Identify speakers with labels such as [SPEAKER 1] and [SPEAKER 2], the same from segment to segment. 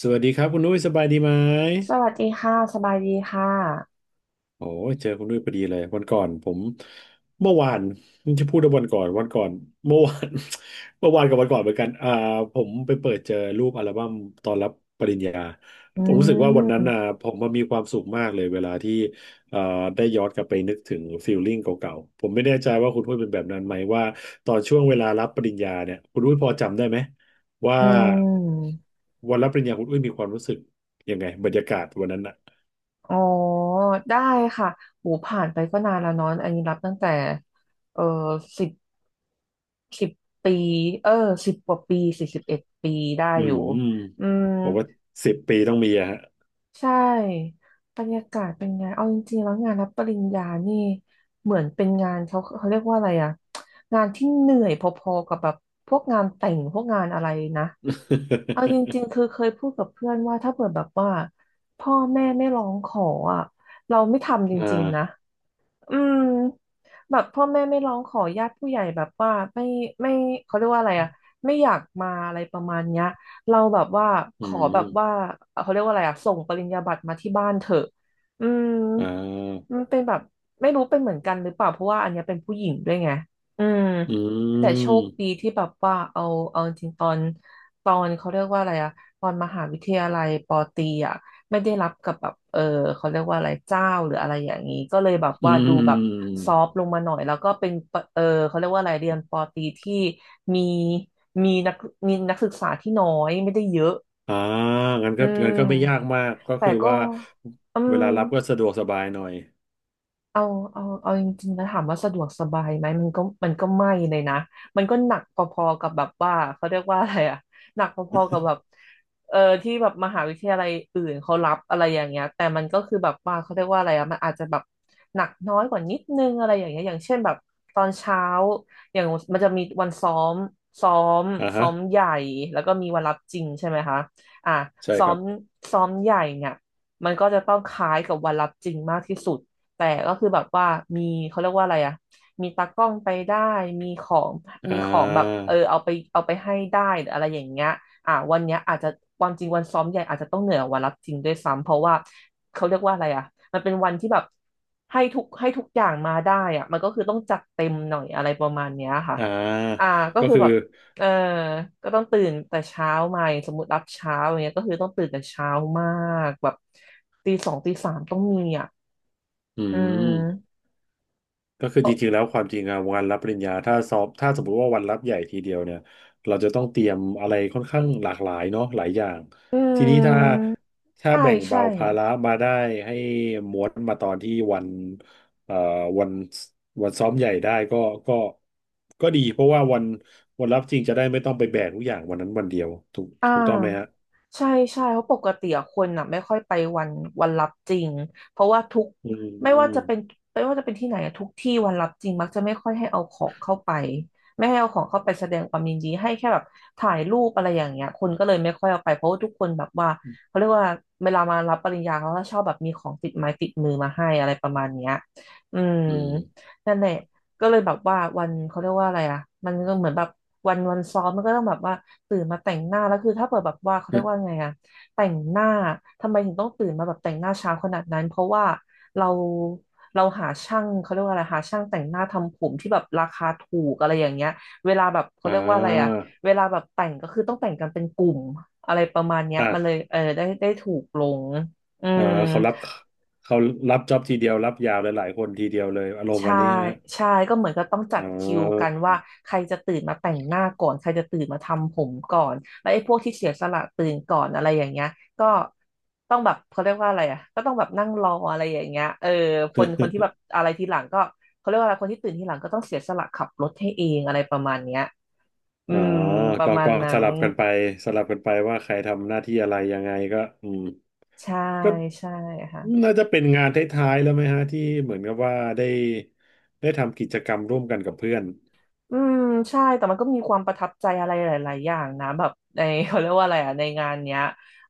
[SPEAKER 1] สวัสดีครับคุณนุ้ยสบายดีไหม
[SPEAKER 2] สวัสดีค่ะสบายดีค่ะ
[SPEAKER 1] โอ้ยเจอคุณด้วยพอดีเลยวันก่อนผมเมื่อวานจะพูดว่าวันก่อนวันก่อนเมื่อวาน เมื่อวานกับวันก่อนเหมือนกันผมไปเปิดเจอรูปอัลบั้มตอนรับปริญญา
[SPEAKER 2] อื
[SPEAKER 1] ผมรู้สึกว่าวันนั้นอ่ะ
[SPEAKER 2] ม
[SPEAKER 1] ผมมันมีความสุขมากเลยเวลาที่เอ่อได้ย้อนกลับไปนึกถึงฟีลลิ่งเก่าๆผมไม่แน่ใจว่าคุณด้วยเป็นแบบนั้นไหมว่าตอนช่วงเวลารับปริญญาเนี่ยคุณด้วยพอจำได้ไหมว่า
[SPEAKER 2] อืม
[SPEAKER 1] วันรับปริญญาคุณด้วยมีความรู้สึกยังไงบรรยากาศวันนั้น
[SPEAKER 2] อ๋อ ได้ค่ะโหูผ่านไปก็นานแล้วเนอะอันนี้รับตั้งแต่เออสิบสิบปี เออ10 กว่าปี41 ปีได้
[SPEAKER 1] อื
[SPEAKER 2] อยู่อื
[SPEAKER 1] ม
[SPEAKER 2] ม
[SPEAKER 1] ผมว่าสิบปีต้องมีอะฮะ
[SPEAKER 2] ใช่บรรยากาศเป็นไง เอาจริงๆแล้วงานรับปริญญานี่เหมือนเป็นงานเขาเรียกว่าอะไรอะงานที่เหนื่อยพอๆกับแบบพวกงานแต่งพวกงานอะไรนะเอาจริง ๆคือเคยพูดกับเพื่อนว่าถ้าเกิดแบบว่าพ่อแม่ไม่ร้องขออะเราไม่ทำจ
[SPEAKER 1] อ่
[SPEAKER 2] ริงๆนะ
[SPEAKER 1] า
[SPEAKER 2] อืมแบบพ่อแม่ไม่ร้องขอญาติผู้ใหญ่แบบว่าไม่ไม่เขาเรียกว่าอะไรอะไม่อยากมาอะไรประมาณเนี้ยเราแบบว่าข
[SPEAKER 1] อื
[SPEAKER 2] อแบบว่า
[SPEAKER 1] ม
[SPEAKER 2] เขาเรียกว่าอะไรอะส่งปริญญาบัตรมาที่บ้านเถอะอืม
[SPEAKER 1] อ่า
[SPEAKER 2] มันเป็นแบบไม่รู้เป็นเหมือนกันหรือเปล่าเพราะว่าอันเนี้ยเป็นผู้หญิงด้วยไงอืม
[SPEAKER 1] อื
[SPEAKER 2] แต่โชคดี
[SPEAKER 1] ม
[SPEAKER 2] ที่แบบว่าเอาจริงๆตอนเขาเรียกว่าอะไรอะตอนมหาวิทยาลัยปอตรีอะไม่ได้รับกับแบบเออเขาเรียกว่าอะไรเจ้าหรืออะไรอย่างนี้ก็เลยแบบ
[SPEAKER 1] อื
[SPEAKER 2] ว่า
[SPEAKER 1] ม
[SPEAKER 2] ดู
[SPEAKER 1] อื
[SPEAKER 2] แบบซอฟต์
[SPEAKER 1] ม
[SPEAKER 2] ลงมาหน่อยแล้วก็เป็นเออเขาเรียกว่าอะไรเรียนปอตรีที่มีมีนักมีนักศึกษาที่น้อยไม่ได้เยอะ
[SPEAKER 1] อ่างั้น
[SPEAKER 2] อื
[SPEAKER 1] ก็งั้น
[SPEAKER 2] ม
[SPEAKER 1] ก็ไม่ยากมากก็
[SPEAKER 2] แต่
[SPEAKER 1] คือ
[SPEAKER 2] ก็
[SPEAKER 1] ว่า
[SPEAKER 2] อื
[SPEAKER 1] เว
[SPEAKER 2] ม
[SPEAKER 1] ลารับก็สะดวกสบายหน่อย
[SPEAKER 2] เอาเอาจริงๆนะถามว่าสะดวกสบายไหม มันก็ มันก็ไม่เลยนะ มันก็หนักพอๆกับแบบว่าเขาเรียกว่าอะไรอะหนักพอๆกับแบบเออที่แบบมหาวิทยาลัยอื่นเขารับอะไรอย่างเงี้ยแต่มันก็คือแบบว่าเขาเรียกว่าอะไรอะมันอาจจะแบบหนักน้อยกว่านิดนึงอะไรอย่างเงี้ยอย่างเช่นแบบตอนเช้าอย่างมันจะมีวันซ้อมซ้อม
[SPEAKER 1] อ่า
[SPEAKER 2] ซ้อ
[SPEAKER 1] ฮะ
[SPEAKER 2] มใหญ่แล้วก็มีวันรับจริงใช่ไหมคะอ่ะ
[SPEAKER 1] ใช่
[SPEAKER 2] ซ้อ
[SPEAKER 1] ครั
[SPEAKER 2] ม
[SPEAKER 1] บ
[SPEAKER 2] ซ้อมใหญ่เนี่ยมันก็จะต้องคล้ายกับวันรับจริงมากที่สุด แต่ก็คือแบบว่ามีเขาเรียกว่าอะไรอะมีตากล้องไปได้มีของ
[SPEAKER 1] อ่
[SPEAKER 2] มีของแบบ
[SPEAKER 1] า
[SPEAKER 2] เออเอาไปเอาไปให้ได้หรืออะไรอย่างเงี้ยอ่ะวันเนี้ยอาจจะความจริงวันซ้อมใหญ่อาจจะต้องเหนื่อยกว่าวันรับจริงด้วยซ้ำเพราะว่าเขาเรียกว่าอะไรอ่ะมันเป็นวันที่แบบให้ทุกอย่างมาได้อ่ะมันก็คือต้องจัดเต็มหน่อยอะไรประมาณเนี้ยค่ะ
[SPEAKER 1] อ่า
[SPEAKER 2] อ่าก็
[SPEAKER 1] ก็
[SPEAKER 2] คือ
[SPEAKER 1] คือ
[SPEAKER 2] แบบเออก็ต้องตื่นแต่เช้ามาอย่างสมมติรับเช้าอย่างเงี้ยก็คือต้องตื่นแต่เช้ามากแบบตี 2ตี 3ต้องมีอ่ะ
[SPEAKER 1] อื
[SPEAKER 2] อื
[SPEAKER 1] ม
[SPEAKER 2] ม
[SPEAKER 1] ก็คือจริงๆแล้วความจริงอะวันรับปริญญาถ้าสมมติว่าวันรับใหญ่ทีเดียวเนี่ยเราจะต้องเตรียมอะไรค่อนข้างหลากหลายเนาะหลายอย่าง
[SPEAKER 2] อื
[SPEAKER 1] ทีนี้ถ้า
[SPEAKER 2] ม
[SPEAKER 1] ถ้า
[SPEAKER 2] ใช่
[SPEAKER 1] แบ่ง
[SPEAKER 2] ใช่
[SPEAKER 1] เบาภาระมาได้ให้ม้วนมาตอนที่วันเอ่อวันวันซ้อมใหญ่ได้ก็ก็ดีเพราะว่าวันรับจริงจะได้ไม่ต้องไปแบกทุกอย่างวันนั้นวันเดียวถูก
[SPEAKER 2] อ่
[SPEAKER 1] ถูกต้องไหมฮะ
[SPEAKER 2] าใช่ใช่เพราะปกติอะคนอ่ะไม่ค่อยไปวันวันรับจริงเพราะว่าทุก
[SPEAKER 1] อื
[SPEAKER 2] ไม่ว่าจะ
[SPEAKER 1] ม
[SPEAKER 2] เป็นไม่ว่าจะเป็นที่ไหนอะทุกที่วันรับจริงมักจะไม่ค่อยให้เอาของเข้าไปไม่ให้เอาของเข้าไปแสดงความยินดีให้แค่แบบถ่ายรูปอะไรอย่างเงี้ยคนก็เลยไม่ค่อยเอาไปเพราะว่าทุกคนแบบว่าเขาเรียกว่าเวลามารับปริญญาเขาก็ชอบแบบมีของติดไม้ติดมือมาให้อะไรประมาณเนี้ยอืม
[SPEAKER 1] อืม
[SPEAKER 2] นั่นแหละ ก็เลยแบบว่าวันเขาเรียกว่าอะไรอ่ะมันก็เหมือนแบบวันซ้อมมันก็ต้องแบบว่าตื่นมาแต่งหน้าแล้วคือถ้าเปิดแบบว่าเขา
[SPEAKER 1] อื
[SPEAKER 2] เรียก
[SPEAKER 1] ม
[SPEAKER 2] ว่าไงอ่ะแต่งหน้าทำไมถึงต้องตื่นมาแบบแต่งหน้าเช้าขนาดนั้นเพราะว่าเราเราหาช่างเขาเรียกว่าอะไรหาช่างแต่งหน้าทำผมที่แบบราคาถูกอะไรอย่างเงี้ยเวลาแบบ เขา
[SPEAKER 1] อ่
[SPEAKER 2] เรียกว่าอะไรอ่ะ
[SPEAKER 1] า
[SPEAKER 2] เวลาแบบแต่งก็คือต้องแต่งกันเป็นกลุ่มอะไรประมาณเนี้ย
[SPEAKER 1] อ่ะ
[SPEAKER 2] มันเลยเออได้ถูกลงอื
[SPEAKER 1] อ่า
[SPEAKER 2] ม
[SPEAKER 1] เขารับเขารับจ็อบทีเดียวรับยาวหลายๆคนทีเดียวเลยอารมณ์วั
[SPEAKER 2] ใช่
[SPEAKER 1] นนี้ใช่ไหมฮะ
[SPEAKER 2] ใช่ก็เหมือนก็ต้องจั
[SPEAKER 1] อ๋
[SPEAKER 2] ดคิวกั
[SPEAKER 1] อ
[SPEAKER 2] นว่าใครจะตื่นมาแต่งหน้าก่อนใครจะตื่นมาทำผมก่อนแล้วไอ้พวกที่เสียสละตื่นก่อนอะไรอย่างเงี้ยก็ต้องแบบเขาเรียกว่าอะไรอ่ะก็ต้องแบบนั่งรออะไรอย่างเงี้ยเออคนคนที่แบบอะไรทีหลังก็เขาเรียกว่าอะไรคนที่ตื่นทีหลังก็ต้องเสียสละขับรถให้เองอะไรประมาณเนี้ยอื
[SPEAKER 1] อ๋อ
[SPEAKER 2] มประ
[SPEAKER 1] ก็
[SPEAKER 2] มาณ
[SPEAKER 1] ก็
[SPEAKER 2] นั้
[SPEAKER 1] ส
[SPEAKER 2] น
[SPEAKER 1] ลับกันไปสลับกันไปว่าใครทำหน้าที่อะไรยังไงก็อืม
[SPEAKER 2] ใช่
[SPEAKER 1] ก็
[SPEAKER 2] ใช่ค่ะ
[SPEAKER 1] น่าจะเป็นงานท้ายๆแล้วไหมฮะที่เหมือนกับว่าได้ทำกิจกรรมร่วมกันกับเพื่อน
[SPEAKER 2] อืมใช่แต่มันก็มีความประทับใจอะไรหลายๆอย่างนะแบบใน เขาเรียกว่าอะไรอ่ะในงานเนี้ย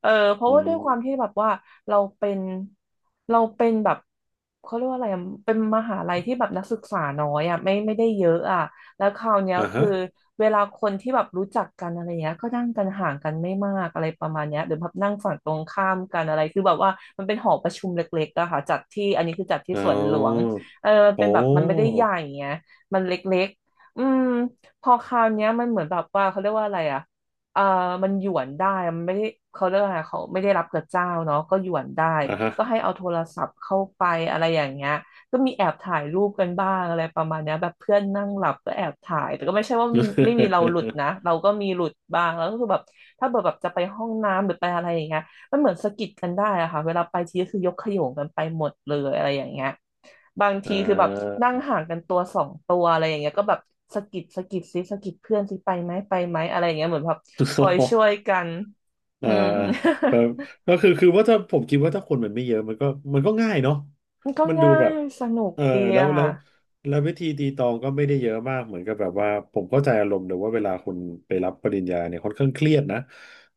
[SPEAKER 2] เออเพราะ
[SPEAKER 1] อื
[SPEAKER 2] ว่าด้
[SPEAKER 1] ม
[SPEAKER 2] วยความที่แบบว่าเราเป็นเราเป็นแบบเขาเรียกว่าอะไรอะเป็นมหาลัยที่แบบนักศึกษาน้อยอ่ะไม่ได้เยอะอ่ะแล้วคราวเนี้ย
[SPEAKER 1] อ่าฮะ
[SPEAKER 2] คือเวลาคนที่แบบรู้จักกันอะไรเงี้ยก็นั่งกันห่างกันไม่มากอะไรประมาณเนี้ยหรือแบบนั่งฝั่งตรงข้ามกันอะไรคือแบบว่ามันเป็นหอประชุมเล็กๆอะค่ะจัดที่อันนี้คือจัดที่
[SPEAKER 1] อ๋
[SPEAKER 2] สวนหลวง
[SPEAKER 1] อ
[SPEAKER 2] เออน
[SPEAKER 1] โอ้
[SPEAKER 2] เป็นแบบมันไม่ได้ใหญ่ไงมันเล็ก อืมพอคราวเนี้ยมันเหมือนแบบว่าเขาเรียกว่าอะไรอ่ะเออมันหยวนได้มันไม่ได้เขาเรียกว่าอะไรเขาไม่ได้รับกับเจ้าเนาะก็หยวนได้
[SPEAKER 1] อ่าฮะ
[SPEAKER 2] ก็ให้เอาโทรศัพท์เข้าไปอะไรอย่างเงี้ยก็มีแอบถ่ายรูปกันบ้างอะไรประมาณเนี้ยแบบเพื่อนนั่งหลับก็แอบถ่ายแต่ก็ไม่ใช่ว่ามีไม่มีเราหลุด นะเราก็มีหลุดบ้างแล้วก็คือแบบถ้าเกิดแบบจะไปห้องน้ำหรือไปอะไรอย่างเงี้ย มันเหมือนสะกิดกันได้อะค่ะเวลาไปทีก็คือยกขโยงกันไปหมดเลยอะไรอย่างเงี้ยบาง
[SPEAKER 1] อ่
[SPEAKER 2] ทีคือแบบนั่ง
[SPEAKER 1] า
[SPEAKER 2] ห่างกันตัวสองตัวอะไรอย่างเงี้ยก็แบบสะกิดซิสะกิดเพื่อนซิไปไหมอะไรอย่างเงี้ยเหมือนแบบ คอยช่วยกันอื
[SPEAKER 1] อ่า
[SPEAKER 2] ม
[SPEAKER 1] แบบ ก็คือคือว่าถ้าผมคิดว่าถ้าคนมันไม่เยอะมันก็ง่ายเนาะ
[SPEAKER 2] มันก็
[SPEAKER 1] มันดู
[SPEAKER 2] ง่า
[SPEAKER 1] แบ
[SPEAKER 2] ย
[SPEAKER 1] บ
[SPEAKER 2] สนุก
[SPEAKER 1] เออ
[SPEAKER 2] ดี
[SPEAKER 1] แล้ว
[SPEAKER 2] อะ
[SPEAKER 1] แล้ว
[SPEAKER 2] ค่ะ
[SPEAKER 1] แล้ววิธีตีตองก็ไม่ได้เยอะมากเหมือนกับแบบว่าผมเข้าใจอารมณ์เลยว่าเวลาคนไปรับปริญญาเนี่ยค่อนข้างเครียดนะ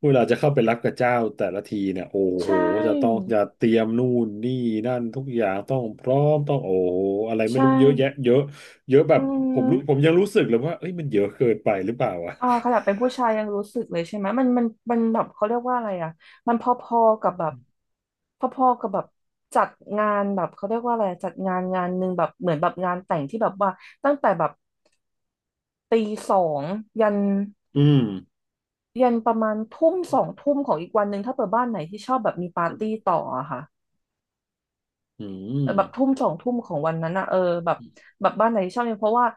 [SPEAKER 1] เวลาจะเข้าไปรับกับเจ้าแต่ละทีเนี่ยโอ้
[SPEAKER 2] ใช
[SPEAKER 1] โหจะต้อง
[SPEAKER 2] ่
[SPEAKER 1] จะเตรียมนู่นนี่นั่นทุกอย่างต้องพร้อมต้องโอ้โหอะไรไม่
[SPEAKER 2] ใช่
[SPEAKER 1] รู้เยอะแยะเยอะเยอะแบ
[SPEAKER 2] อื
[SPEAKER 1] บ
[SPEAKER 2] ม
[SPEAKER 1] ผมยังรู้สึกเลยว่าเอ้ยมันเยอะเกินไปหรือเปล่าอ่ะ
[SPEAKER 2] อ่าขนาดเป็นผู้ชายยังรู้สึกเลยใช่ไหมมันแบบเขาเรียกว่าอะไรอ่ะมันพอๆกับแบบพอๆกับแบบจัดงานแบบเขาเรียกว่าอะไรจัดงานหนึ่งแบบเหมือนแบบงานแต่งที่แบบว่าตั้งแต่แบบตีสองยัน
[SPEAKER 1] อืม
[SPEAKER 2] ยันประมาณทุ่มสองทุ่มของอีกวันหนึ่งถ้าเปิดบ้านไหนที่ชอบแบบมีปา
[SPEAKER 1] อื
[SPEAKER 2] ร์
[SPEAKER 1] ม
[SPEAKER 2] ตี้ต่ออะค่ะ แบบทุ่มสองทุ่มของวันนั้นอะเออแบบแบบบ้านไหนที่ชอบเนี่ยเพราะว่า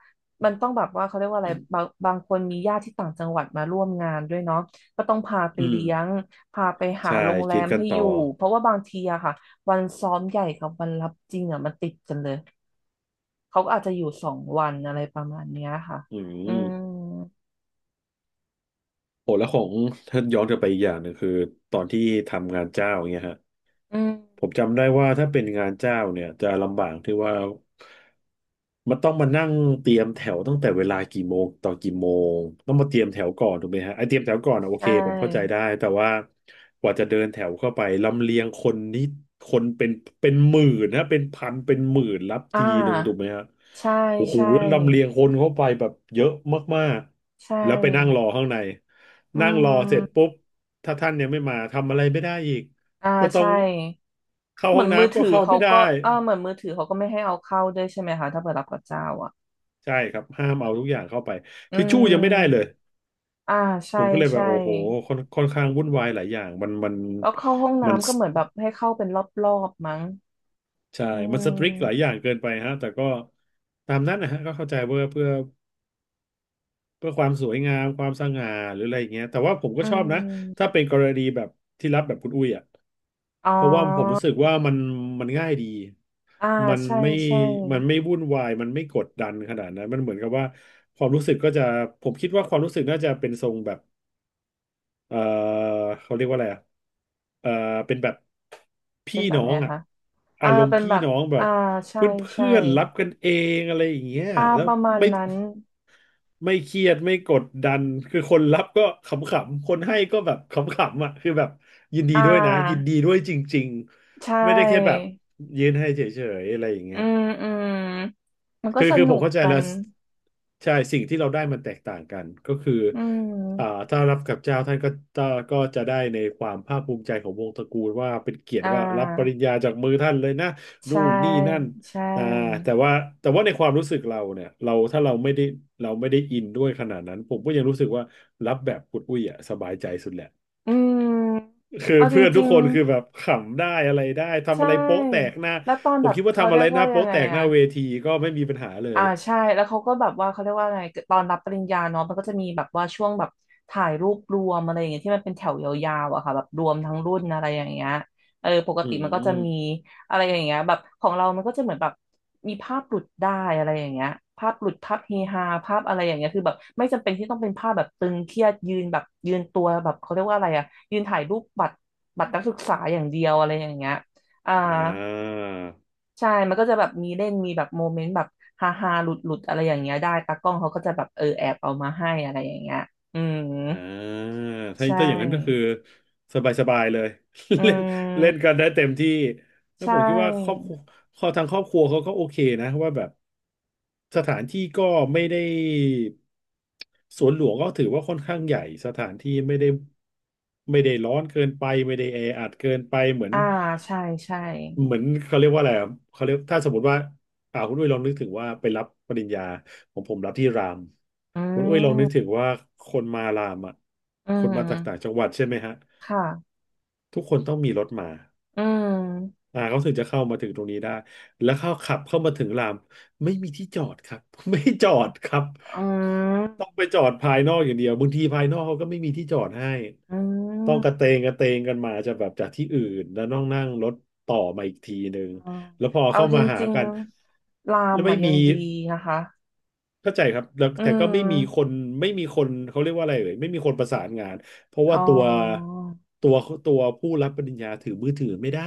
[SPEAKER 2] มันต้องแบบว่าเขาเรียกว่าอะไรบางคนมีญาติที่ต่างจังหวัดมาร่วมงานด้วยเนาะก็ต้องพาไป
[SPEAKER 1] อืม
[SPEAKER 2] เลี้ยงพาไปหา
[SPEAKER 1] ใช่
[SPEAKER 2] โรงแร
[SPEAKER 1] กิน
[SPEAKER 2] ม
[SPEAKER 1] กัน
[SPEAKER 2] ให้
[SPEAKER 1] ต่
[SPEAKER 2] อ
[SPEAKER 1] อ
[SPEAKER 2] ยู่เพราะว่าบางทีอะค่ะวันซ้อมใหญ่กับวันรับจริงอะมันติดกันเลยเขาก็อาจจะอยู่สองวันอะไรประมาณเนี้ยค่ะ
[SPEAKER 1] อื
[SPEAKER 2] อืม
[SPEAKER 1] ม โอ้แล้วของถ้าย้อนกลับไปอีกอย่างหนึ่งคือตอนที่ทำงานเจ้าอย่างเงี้ยฮะ
[SPEAKER 2] อืม
[SPEAKER 1] ผมจำได้ว่าถ้าเป็นงานเจ้าเนี่ยจะลำบากที่ว่ามันต้องมานั่งเตรียมแถวตั้งแต่เวลากี่โมงต่อกี่โมงต้องมาเตรียมแถวก่อนถูกไหมฮะไอเตรียมแถวก่อนอะโอ
[SPEAKER 2] ใช
[SPEAKER 1] เคผมเข้าใจ
[SPEAKER 2] ่
[SPEAKER 1] ได้แต่ว่ากว่าจะเดินแถวเข้าไปลำเลียงคนนี่คนเป็นหมื่นนะเป็นพันเป็นหมื่นรับ
[SPEAKER 2] อ่า
[SPEAKER 1] ทีหนึ่งถูกไหมฮะ
[SPEAKER 2] ใช่
[SPEAKER 1] โอ้โห
[SPEAKER 2] ใช่
[SPEAKER 1] แล้วลำเลียงคนเข้าไปแบบเยอะมาก
[SPEAKER 2] ใช
[SPEAKER 1] ๆแล้วไปนั่งร
[SPEAKER 2] ่
[SPEAKER 1] อข้างใน
[SPEAKER 2] อื
[SPEAKER 1] นั่งรอเสร็จ
[SPEAKER 2] ม
[SPEAKER 1] ปุ๊บถ้าท่านยังไม่มาทำอะไรไม่ได้อีก
[SPEAKER 2] อ่า
[SPEAKER 1] ก็ต้อ
[SPEAKER 2] ใช่
[SPEAKER 1] งเข้า
[SPEAKER 2] เหมื
[SPEAKER 1] ห้อ
[SPEAKER 2] อน
[SPEAKER 1] ง
[SPEAKER 2] มือ
[SPEAKER 1] น้ำก็
[SPEAKER 2] ถือ
[SPEAKER 1] เข้า
[SPEAKER 2] เขา
[SPEAKER 1] ไม่
[SPEAKER 2] ก็
[SPEAKER 1] ได้
[SPEAKER 2] เออเหมือนมือถือเขาก็ไม่ให้เอาเข้าด้วยใช่ไหมคะถ้าเปิดรับกับเจ้าอ่ะ
[SPEAKER 1] ใช่ครับห้ามเอาทุกอย่างเข้าไป
[SPEAKER 2] อื
[SPEAKER 1] ทิชชู่ยังไม่ได้เล
[SPEAKER 2] ม
[SPEAKER 1] ย
[SPEAKER 2] อ่า
[SPEAKER 1] ผ
[SPEAKER 2] ใช่
[SPEAKER 1] มก็เลยแบ
[SPEAKER 2] ใช่
[SPEAKER 1] บโอ้โหค่อนข้างวุ่นวายหลายอย่างมันมัน
[SPEAKER 2] แล้วเข้าห้อง
[SPEAKER 1] มัน
[SPEAKER 2] น้ำก็เหมือนแบบให้เข้าเป็นรอบๆมั้ง
[SPEAKER 1] ใช่
[SPEAKER 2] อื
[SPEAKER 1] มันสตริกหลายอ
[SPEAKER 2] ม
[SPEAKER 1] ย่างเกินไปฮะแต่ก็ตามนั้นนะฮะก็เข้าใจเพื่อความสวยงามความสง่าหรืออะไรอย่างเงี้ยแต่ว่าผม
[SPEAKER 2] อื
[SPEAKER 1] ก็ชอบนะถ้า
[SPEAKER 2] ม
[SPEAKER 1] เป็นกรณีแบบที่รับแบบคุณอุ้ยอ่ะ
[SPEAKER 2] อ๋อ
[SPEAKER 1] เพราะว่าผมรู้สึกว่ามันง่ายดี
[SPEAKER 2] อ่า
[SPEAKER 1] มัน
[SPEAKER 2] ใช่
[SPEAKER 1] ไม่
[SPEAKER 2] ใช่
[SPEAKER 1] มันไม่วุ่นวายมันไม่กดดันขนาดนั้นมันเหมือนกับว่าความรู้สึกก็จะผมคิดว่าความรู้สึกน่าจะเป็นทรงแบบเออเขาเรียกว่าอะไรอะเออเป็นแบบ
[SPEAKER 2] เป็
[SPEAKER 1] พี่
[SPEAKER 2] นแบบ
[SPEAKER 1] น้อ
[SPEAKER 2] ไหน
[SPEAKER 1] งอะ
[SPEAKER 2] คะอ่า
[SPEAKER 1] อารม
[SPEAKER 2] เป็
[SPEAKER 1] ณ์
[SPEAKER 2] น
[SPEAKER 1] พี่
[SPEAKER 2] แบบ
[SPEAKER 1] น้องแบ
[SPEAKER 2] อ่า
[SPEAKER 1] บ
[SPEAKER 2] ใช่
[SPEAKER 1] เพื่อน
[SPEAKER 2] ใช่
[SPEAKER 1] เพื่อนรับกันเองอะไรอย่างเงี้ย
[SPEAKER 2] อ่า
[SPEAKER 1] แล้ว
[SPEAKER 2] ประมาณ
[SPEAKER 1] ไม่
[SPEAKER 2] นั้น
[SPEAKER 1] ไม่เครียดไม่กดดันคือคนรับก็ขำๆคนให้ก็แบบขำๆอ่ะคือแบบยินดี
[SPEAKER 2] อ่
[SPEAKER 1] ด้วยนะยิน
[SPEAKER 2] า
[SPEAKER 1] ดีด้วยจริง
[SPEAKER 2] ใช่
[SPEAKER 1] ๆไม่ได้แค่แบบยืนให้เฉยๆอะไรอย่าง
[SPEAKER 2] อื
[SPEAKER 1] เงี้ย
[SPEAKER 2] มอืมมันก็
[SPEAKER 1] คือ
[SPEAKER 2] ส
[SPEAKER 1] คือ
[SPEAKER 2] นุ
[SPEAKER 1] ผม
[SPEAKER 2] ก
[SPEAKER 1] เข้าใจ
[SPEAKER 2] กั
[SPEAKER 1] แล้
[SPEAKER 2] น
[SPEAKER 1] วใช่สิ่งที่เราได้มันแตกต่างกันก็คือ
[SPEAKER 2] อื
[SPEAKER 1] อ่า
[SPEAKER 2] ม
[SPEAKER 1] ถ้ารับกับเจ้าท่านก็ก็ก็จะได้ในความภาคภูมิใจของวงตระกูลว่าเป็นเกียรติ
[SPEAKER 2] อ่
[SPEAKER 1] ว่ารับปริญ
[SPEAKER 2] า
[SPEAKER 1] ญาจากมือท่านเลยนะนู่
[SPEAKER 2] ใช่
[SPEAKER 1] นนี่นั่น
[SPEAKER 2] ใช่
[SPEAKER 1] อ่าแต่ว่าในความรู้สึกเราเนี่ยเราถ้าเราไม่ได้อินด้วยขนาดนั้นผมก็ยังรู้สึกว่ารับแบบอุดอุ้ยอ่ะสบายใจสุดแหละ
[SPEAKER 2] อืม
[SPEAKER 1] คือ
[SPEAKER 2] เอาจ
[SPEAKER 1] เพื่อนทุ
[SPEAKER 2] ริ
[SPEAKER 1] ก
[SPEAKER 2] ง
[SPEAKER 1] คนคือแบบขำได้อะไรได้
[SPEAKER 2] ๆ
[SPEAKER 1] ทำ
[SPEAKER 2] ใช่
[SPEAKER 1] อะไรโป๊ะแตกหน้า
[SPEAKER 2] แล้วตอน
[SPEAKER 1] ผ
[SPEAKER 2] แบ
[SPEAKER 1] ม
[SPEAKER 2] บ
[SPEAKER 1] คิดว่า
[SPEAKER 2] เขา
[SPEAKER 1] ทำ
[SPEAKER 2] เรี
[SPEAKER 1] อะไร
[SPEAKER 2] ยก
[SPEAKER 1] ห
[SPEAKER 2] ว่า
[SPEAKER 1] น้า
[SPEAKER 2] ยั
[SPEAKER 1] โป๊ะ
[SPEAKER 2] งไง
[SPEAKER 1] แตกห
[SPEAKER 2] อะ
[SPEAKER 1] น้าเวทีก็ไม่มีปัญหาเล
[SPEAKER 2] อ่า
[SPEAKER 1] ย
[SPEAKER 2] ใช่แล้วเขาก็แบบว่าเขาเรียกว่าไงตอนรับปริญญาเนาะมันก็จะมีแบบว่าช่วงแบบถ่ายรูปรวมอะไรอย่างเงี้ยที่มันเป็นแถวยาวๆอะค่ะแบบรวมทั้งรุ่นอะไรอย่างเงี้ยปก
[SPEAKER 1] อื
[SPEAKER 2] ติมันก็จะมี
[SPEAKER 1] ม
[SPEAKER 2] อะไรอย่างเงี้ยแบบของเรามันก็จะเหมือนแบบมีภาพหลุดได้อะไรอย่างเงี้ยภาพหลุดภาพเฮฮาภาพอะไรอย่างเงี้ยคือแบบไม่จำเป็นที่ต้องเป็นภาพแบบตึงเครียดยืนแบบยืนตัวแบบเขาเรียกว่าอะไรอะยืนถ่ายรูปบัตรนักศึกษาอย่างเดียวอะไรอย่างเงี้ยอ่า
[SPEAKER 1] อ่า
[SPEAKER 2] ใช่มันก็จะแบบมีเล่นมีแบบโมเมนต์แบบฮาฮาหลุดหลุดๆอะไรอย่างเงี้ยได้ตากล้องเขาก็จะแบบแอบเอามาให้อะไรอย่างเงี้ยอืม
[SPEAKER 1] อ่าถ้า
[SPEAKER 2] ใช
[SPEAKER 1] อย่างนั้นก็คือ
[SPEAKER 2] ่
[SPEAKER 1] สบายๆเลย
[SPEAKER 2] อื
[SPEAKER 1] เล่นเล่
[SPEAKER 2] ม
[SPEAKER 1] นกันได้เต็มที่ แล้ว
[SPEAKER 2] ใช่
[SPEAKER 1] ผมคิดว่าครอบครัวคอทางครอบครัวเขาก็โอเคนะว่าแบบสถานที่ก็ไม่ได้สวนหลวงก็ถือว่าค่อนข้างใหญ่สถานที่ไม่ได้ร้อนเกินไปไม่ได้แออัดเกินไป
[SPEAKER 2] อ่าใช่ใช่
[SPEAKER 1] เหมือนเขาเรียกว่าอะไรอะเขาเรียกถ้าสมมติว่าคุณอุ้ยลองนึกถึงว่าไปรับปริญญาของผมรับที่ราม
[SPEAKER 2] อื
[SPEAKER 1] คุณอุ้ยลองนึกถึง
[SPEAKER 2] ม
[SPEAKER 1] ว่าคนมารามอ่ะ
[SPEAKER 2] อื
[SPEAKER 1] คนมาจากต่าง
[SPEAKER 2] ม
[SPEAKER 1] จังหวัดใช่ไหมฮะ
[SPEAKER 2] ค่ะ
[SPEAKER 1] ทุกคนต้องมีรถมา
[SPEAKER 2] อืม
[SPEAKER 1] เขาถึงจะเข้ามาถึงตรงนี้ได้แล้วเข้าขับเข้ามาถึงรามไม่มีที่จอดครับ ไม่จอดครับ
[SPEAKER 2] อื
[SPEAKER 1] ต้องไป
[SPEAKER 2] ม
[SPEAKER 1] จอดภายนอกอย่างเดียวบางทีภายนอกเขาก็ไม่มีที่จอดให้
[SPEAKER 2] อื
[SPEAKER 1] ต้องกระเต
[SPEAKER 2] ม
[SPEAKER 1] งกระเตงกันมาจะแบบจากที่อื่นแล้วต้องนั่งรถต่อมาอีกทีหนึ่ง
[SPEAKER 2] อ่า
[SPEAKER 1] แล้วพอ
[SPEAKER 2] เอา
[SPEAKER 1] เข้า
[SPEAKER 2] จ
[SPEAKER 1] มาหา
[SPEAKER 2] ริง
[SPEAKER 1] กัน
[SPEAKER 2] ๆราม
[SPEAKER 1] แล้วไม่
[SPEAKER 2] อ่ะยั
[SPEAKER 1] มี
[SPEAKER 2] งดีนะคะ
[SPEAKER 1] เข้าใจครับแล้ว
[SPEAKER 2] อื
[SPEAKER 1] แต่ก็ไม่มีคน
[SPEAKER 2] ม
[SPEAKER 1] เขาเรียกว่าอะไรเลยไม่มีคนประสานงานเพราะ
[SPEAKER 2] อ๋
[SPEAKER 1] ว่า
[SPEAKER 2] อ
[SPEAKER 1] ตัวตัวตัวผู้รับปริญญาถือมือถือไม่ได้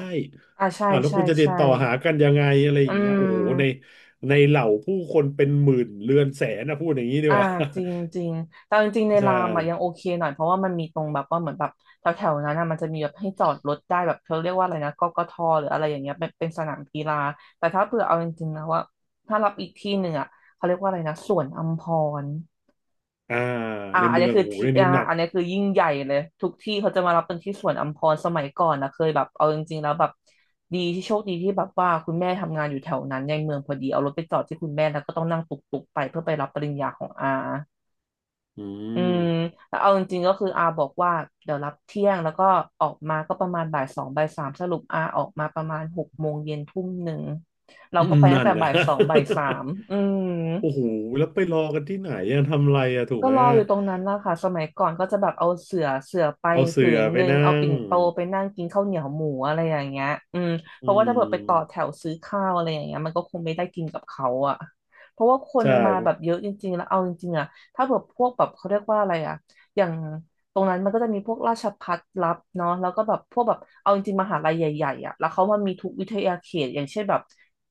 [SPEAKER 2] อ่าใช่
[SPEAKER 1] แล้ว
[SPEAKER 2] ใช่
[SPEAKER 1] คุณจะติด
[SPEAKER 2] ใช่
[SPEAKER 1] ต่อหากันยังไงอะไรอ
[SPEAKER 2] อื
[SPEAKER 1] ย่างเงี้ยโอ้โหใน
[SPEAKER 2] ม
[SPEAKER 1] เหล่าผู้คนเป็นหมื่นเรือนแสนนะพูดอย่างนี้ดี
[SPEAKER 2] อ่า
[SPEAKER 1] กว่า
[SPEAKER 2] จริงจริงแต่จริงๆใน
[SPEAKER 1] ใช่
[SPEAKER 2] รามอ่ะยังโอเคหน่อยเพราะว่ามันมีตรงแบบว่าเหมือนแบบแถวๆนั้นอ่ะมันจะมีแบบให้จอดรถได้แบบเขาเรียกว่าอะไรนะกกทหรืออะไรอย่างเงี้ยเป็นสนามกีฬาแต่ถ้าเผื่อเอาจริงๆนะว่าถ้ารับอีกที่หนึ่งอ่ะเขาเรียกว่าอะไรนะสวนอัมพร
[SPEAKER 1] อ่า
[SPEAKER 2] อ่า
[SPEAKER 1] ใน
[SPEAKER 2] อัน
[SPEAKER 1] เมื
[SPEAKER 2] นี้
[SPEAKER 1] อง
[SPEAKER 2] คือ
[SPEAKER 1] โอ้โห
[SPEAKER 2] ที่
[SPEAKER 1] เรื่องนี้
[SPEAKER 2] อ่า
[SPEAKER 1] หนัก
[SPEAKER 2] อันนี้คือยิ่งใหญ่เลยทุกที่เขาจะมารับเป็นที่สวนอัมพรสมัยก่อนนะเคยแบบเอาจริงๆแล้วแบบดีที่โชคดีที่แบบว่าคุณแม่ทำงานอยู่แถวนั้นในเมืองพอดีเอารถไปจอดที่คุณแม่แล้วก็ต้องนั่งตุกๆไปเพื่อไปรับปริญญาของอา
[SPEAKER 1] อื
[SPEAKER 2] อื
[SPEAKER 1] ม
[SPEAKER 2] มแล้วเอาจริงๆก็คืออาบอกว่าเดี๋ยวรับเที่ยงแล้วก็ออกมาก็ประมาณบ่ายสองบ่ายสามสรุปอาออกมาประมาณหกโมงเย็นทุ่มหนึ่งเรา
[SPEAKER 1] อื
[SPEAKER 2] ก็
[SPEAKER 1] ม
[SPEAKER 2] ไปตั้
[SPEAKER 1] นั่
[SPEAKER 2] ง
[SPEAKER 1] น
[SPEAKER 2] แต่
[SPEAKER 1] นะ
[SPEAKER 2] บ่ายสองบ่ายสามอืม
[SPEAKER 1] โอ้โหแล้วไปรอกันที่ไหนอะทำอะไรอะถูก
[SPEAKER 2] ก็
[SPEAKER 1] ไหม
[SPEAKER 2] รอ
[SPEAKER 1] อะ
[SPEAKER 2] อยู่ตรงนั้นนะคะสมัยก่อนก็จะแบบเอาเสื่อไป
[SPEAKER 1] เอา
[SPEAKER 2] ผื
[SPEAKER 1] เสื่อ
[SPEAKER 2] น
[SPEAKER 1] ไป
[SPEAKER 2] หนึง
[SPEAKER 1] นั่
[SPEAKER 2] เอา
[SPEAKER 1] ง
[SPEAKER 2] ปิ่นโตไปนั่งกินข้าวเหนียวหมูอะไรอย่างเงี้ยอืมเพ
[SPEAKER 1] อื
[SPEAKER 2] ราะว่าถ้าเกิดไปต่อแถ
[SPEAKER 1] ม
[SPEAKER 2] วซื้อข้าวอะไรอย่างเงี้ยมันก็คงไม่ได้กินกับเขาอะเพราะว่าคน
[SPEAKER 1] ใช่
[SPEAKER 2] มาแบบเยอะจริงๆแล้วเอาจริงๆอะถ้าแบบพวกแบบเขาเรียกว่าอะไรอะอย่างตรงนั้นมันก็จะมีพวกราชภัฏรับเนาะแล้วก็แบบพวกแบบเอาจริงๆมหาลัยใหญ่ๆอะแล้วเขามันมีทุกวิทยาเขตอย่างเช่นแบบ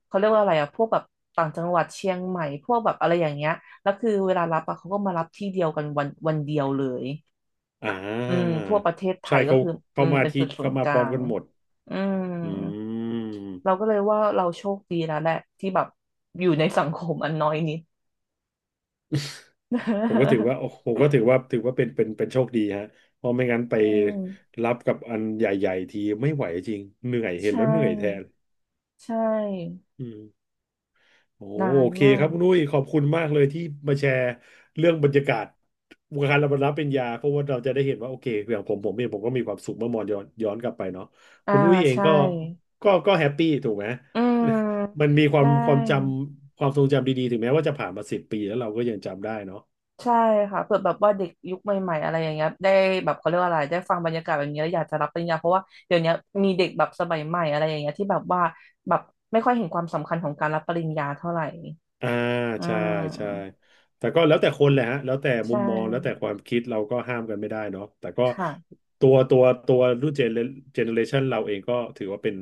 [SPEAKER 2] เขาเรียกว่าอะไรอะพวกแบบต่างจังหวัดเชียงใหม่พวกแบบอะไรอย่างเงี้ย แล้วคือเวลารับอะเขาก็มารับที่เดียวกันวันเดียวเลย
[SPEAKER 1] อ่
[SPEAKER 2] อืม
[SPEAKER 1] า
[SPEAKER 2] ทั่วประเทศไท
[SPEAKER 1] ใช่
[SPEAKER 2] ยก็
[SPEAKER 1] เขา
[SPEAKER 2] คืออื
[SPEAKER 1] เข้า
[SPEAKER 2] ม
[SPEAKER 1] มา
[SPEAKER 2] เป็น
[SPEAKER 1] ที่
[SPEAKER 2] จุดศู
[SPEAKER 1] เข้า
[SPEAKER 2] นย์
[SPEAKER 1] มา
[SPEAKER 2] ก
[SPEAKER 1] พ
[SPEAKER 2] ลา
[SPEAKER 1] ร้อม
[SPEAKER 2] ง
[SPEAKER 1] กันหมด
[SPEAKER 2] อืม
[SPEAKER 1] อืม
[SPEAKER 2] เราก็เลยว่าเราโชคดีแล้วแหละที่แบบอยู่ในสังคมอันน้อยนิด
[SPEAKER 1] ผมก็ถือ ว่าโอ้ผมก็ถือว่าเป็นเป็นโชคดีฮะเพราะไม่งั้นไป
[SPEAKER 2] อืม
[SPEAKER 1] รับกับอันใหญ่ๆทีไม่ไหวจริง เหนื่อยเห็น
[SPEAKER 2] ใช่
[SPEAKER 1] แล้วเหนื่อยแทน
[SPEAKER 2] ใช่
[SPEAKER 1] อืม โอ้
[SPEAKER 2] นาน
[SPEAKER 1] โอเค
[SPEAKER 2] มา
[SPEAKER 1] ครั
[SPEAKER 2] ก
[SPEAKER 1] บคุณนุ้ยขอบคุณมากเลยที่มาแชร์เรื่องบรรยากาศวงการรับปริญญาเพราะว่าเราจะได้เห็นว่าโอเคอย่างผมผมเองผมก็มีความสุขเมื่อมองย้อนกลับไปเนาะ
[SPEAKER 2] อ่า
[SPEAKER 1] คุณนุ้ยเอง
[SPEAKER 2] ใช่
[SPEAKER 1] ก็ก็แฮปปี้ถูกไหม
[SPEAKER 2] อืม
[SPEAKER 1] มันมีความ
[SPEAKER 2] ได้
[SPEAKER 1] ความจำความทรงจำดีๆถึงแม้ว่าจะผ่านมา10 ปีแล้วเราก็ยังจำได้เนาะ
[SPEAKER 2] ใช่ค่ะเผื่อแบบว่าเด็กยุคใหม่ๆอะไรอย่างเงี้ยได้แบบเขาเรียกว่าอะไรได้ฟังบรรยากาศแบบนี้แล้วอยากจะรับปริญญาเพราะว่าเดี๋ยวนี้มีเด็กแบบสมัยใหม่อะไรอย่างเงี้ยที่แบบว่าแบบไม่ค่อยเห็นความสำคัญของการรับปริญญาเท่าไหร่
[SPEAKER 1] อ่า
[SPEAKER 2] อื
[SPEAKER 1] ใช่ใช่
[SPEAKER 2] ม
[SPEAKER 1] แต่ก็แล้วแต่คนแหละฮะแล้วแต่มุ
[SPEAKER 2] ใช่
[SPEAKER 1] มมองแล้วแต่ความคิดเราก็ห้ามกันไม่ได้เนาะแต่ก็
[SPEAKER 2] ค่ะ
[SPEAKER 1] ตัวตัวรุ่นเจเนอเรชันเราเองก็ถือว่าเป็น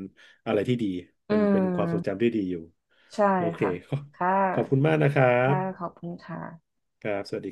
[SPEAKER 1] อะไรที่ดี
[SPEAKER 2] อื
[SPEAKER 1] เป็นความทรง
[SPEAKER 2] ม
[SPEAKER 1] จำที่ดีอยู่
[SPEAKER 2] ใช่
[SPEAKER 1] โอเค
[SPEAKER 2] ค่ะ
[SPEAKER 1] ขอบ
[SPEAKER 2] ค่ะ
[SPEAKER 1] ขอบคุณมากนะครับ
[SPEAKER 2] ค่ะขอบคุณค่ะ
[SPEAKER 1] ครับสวัสดี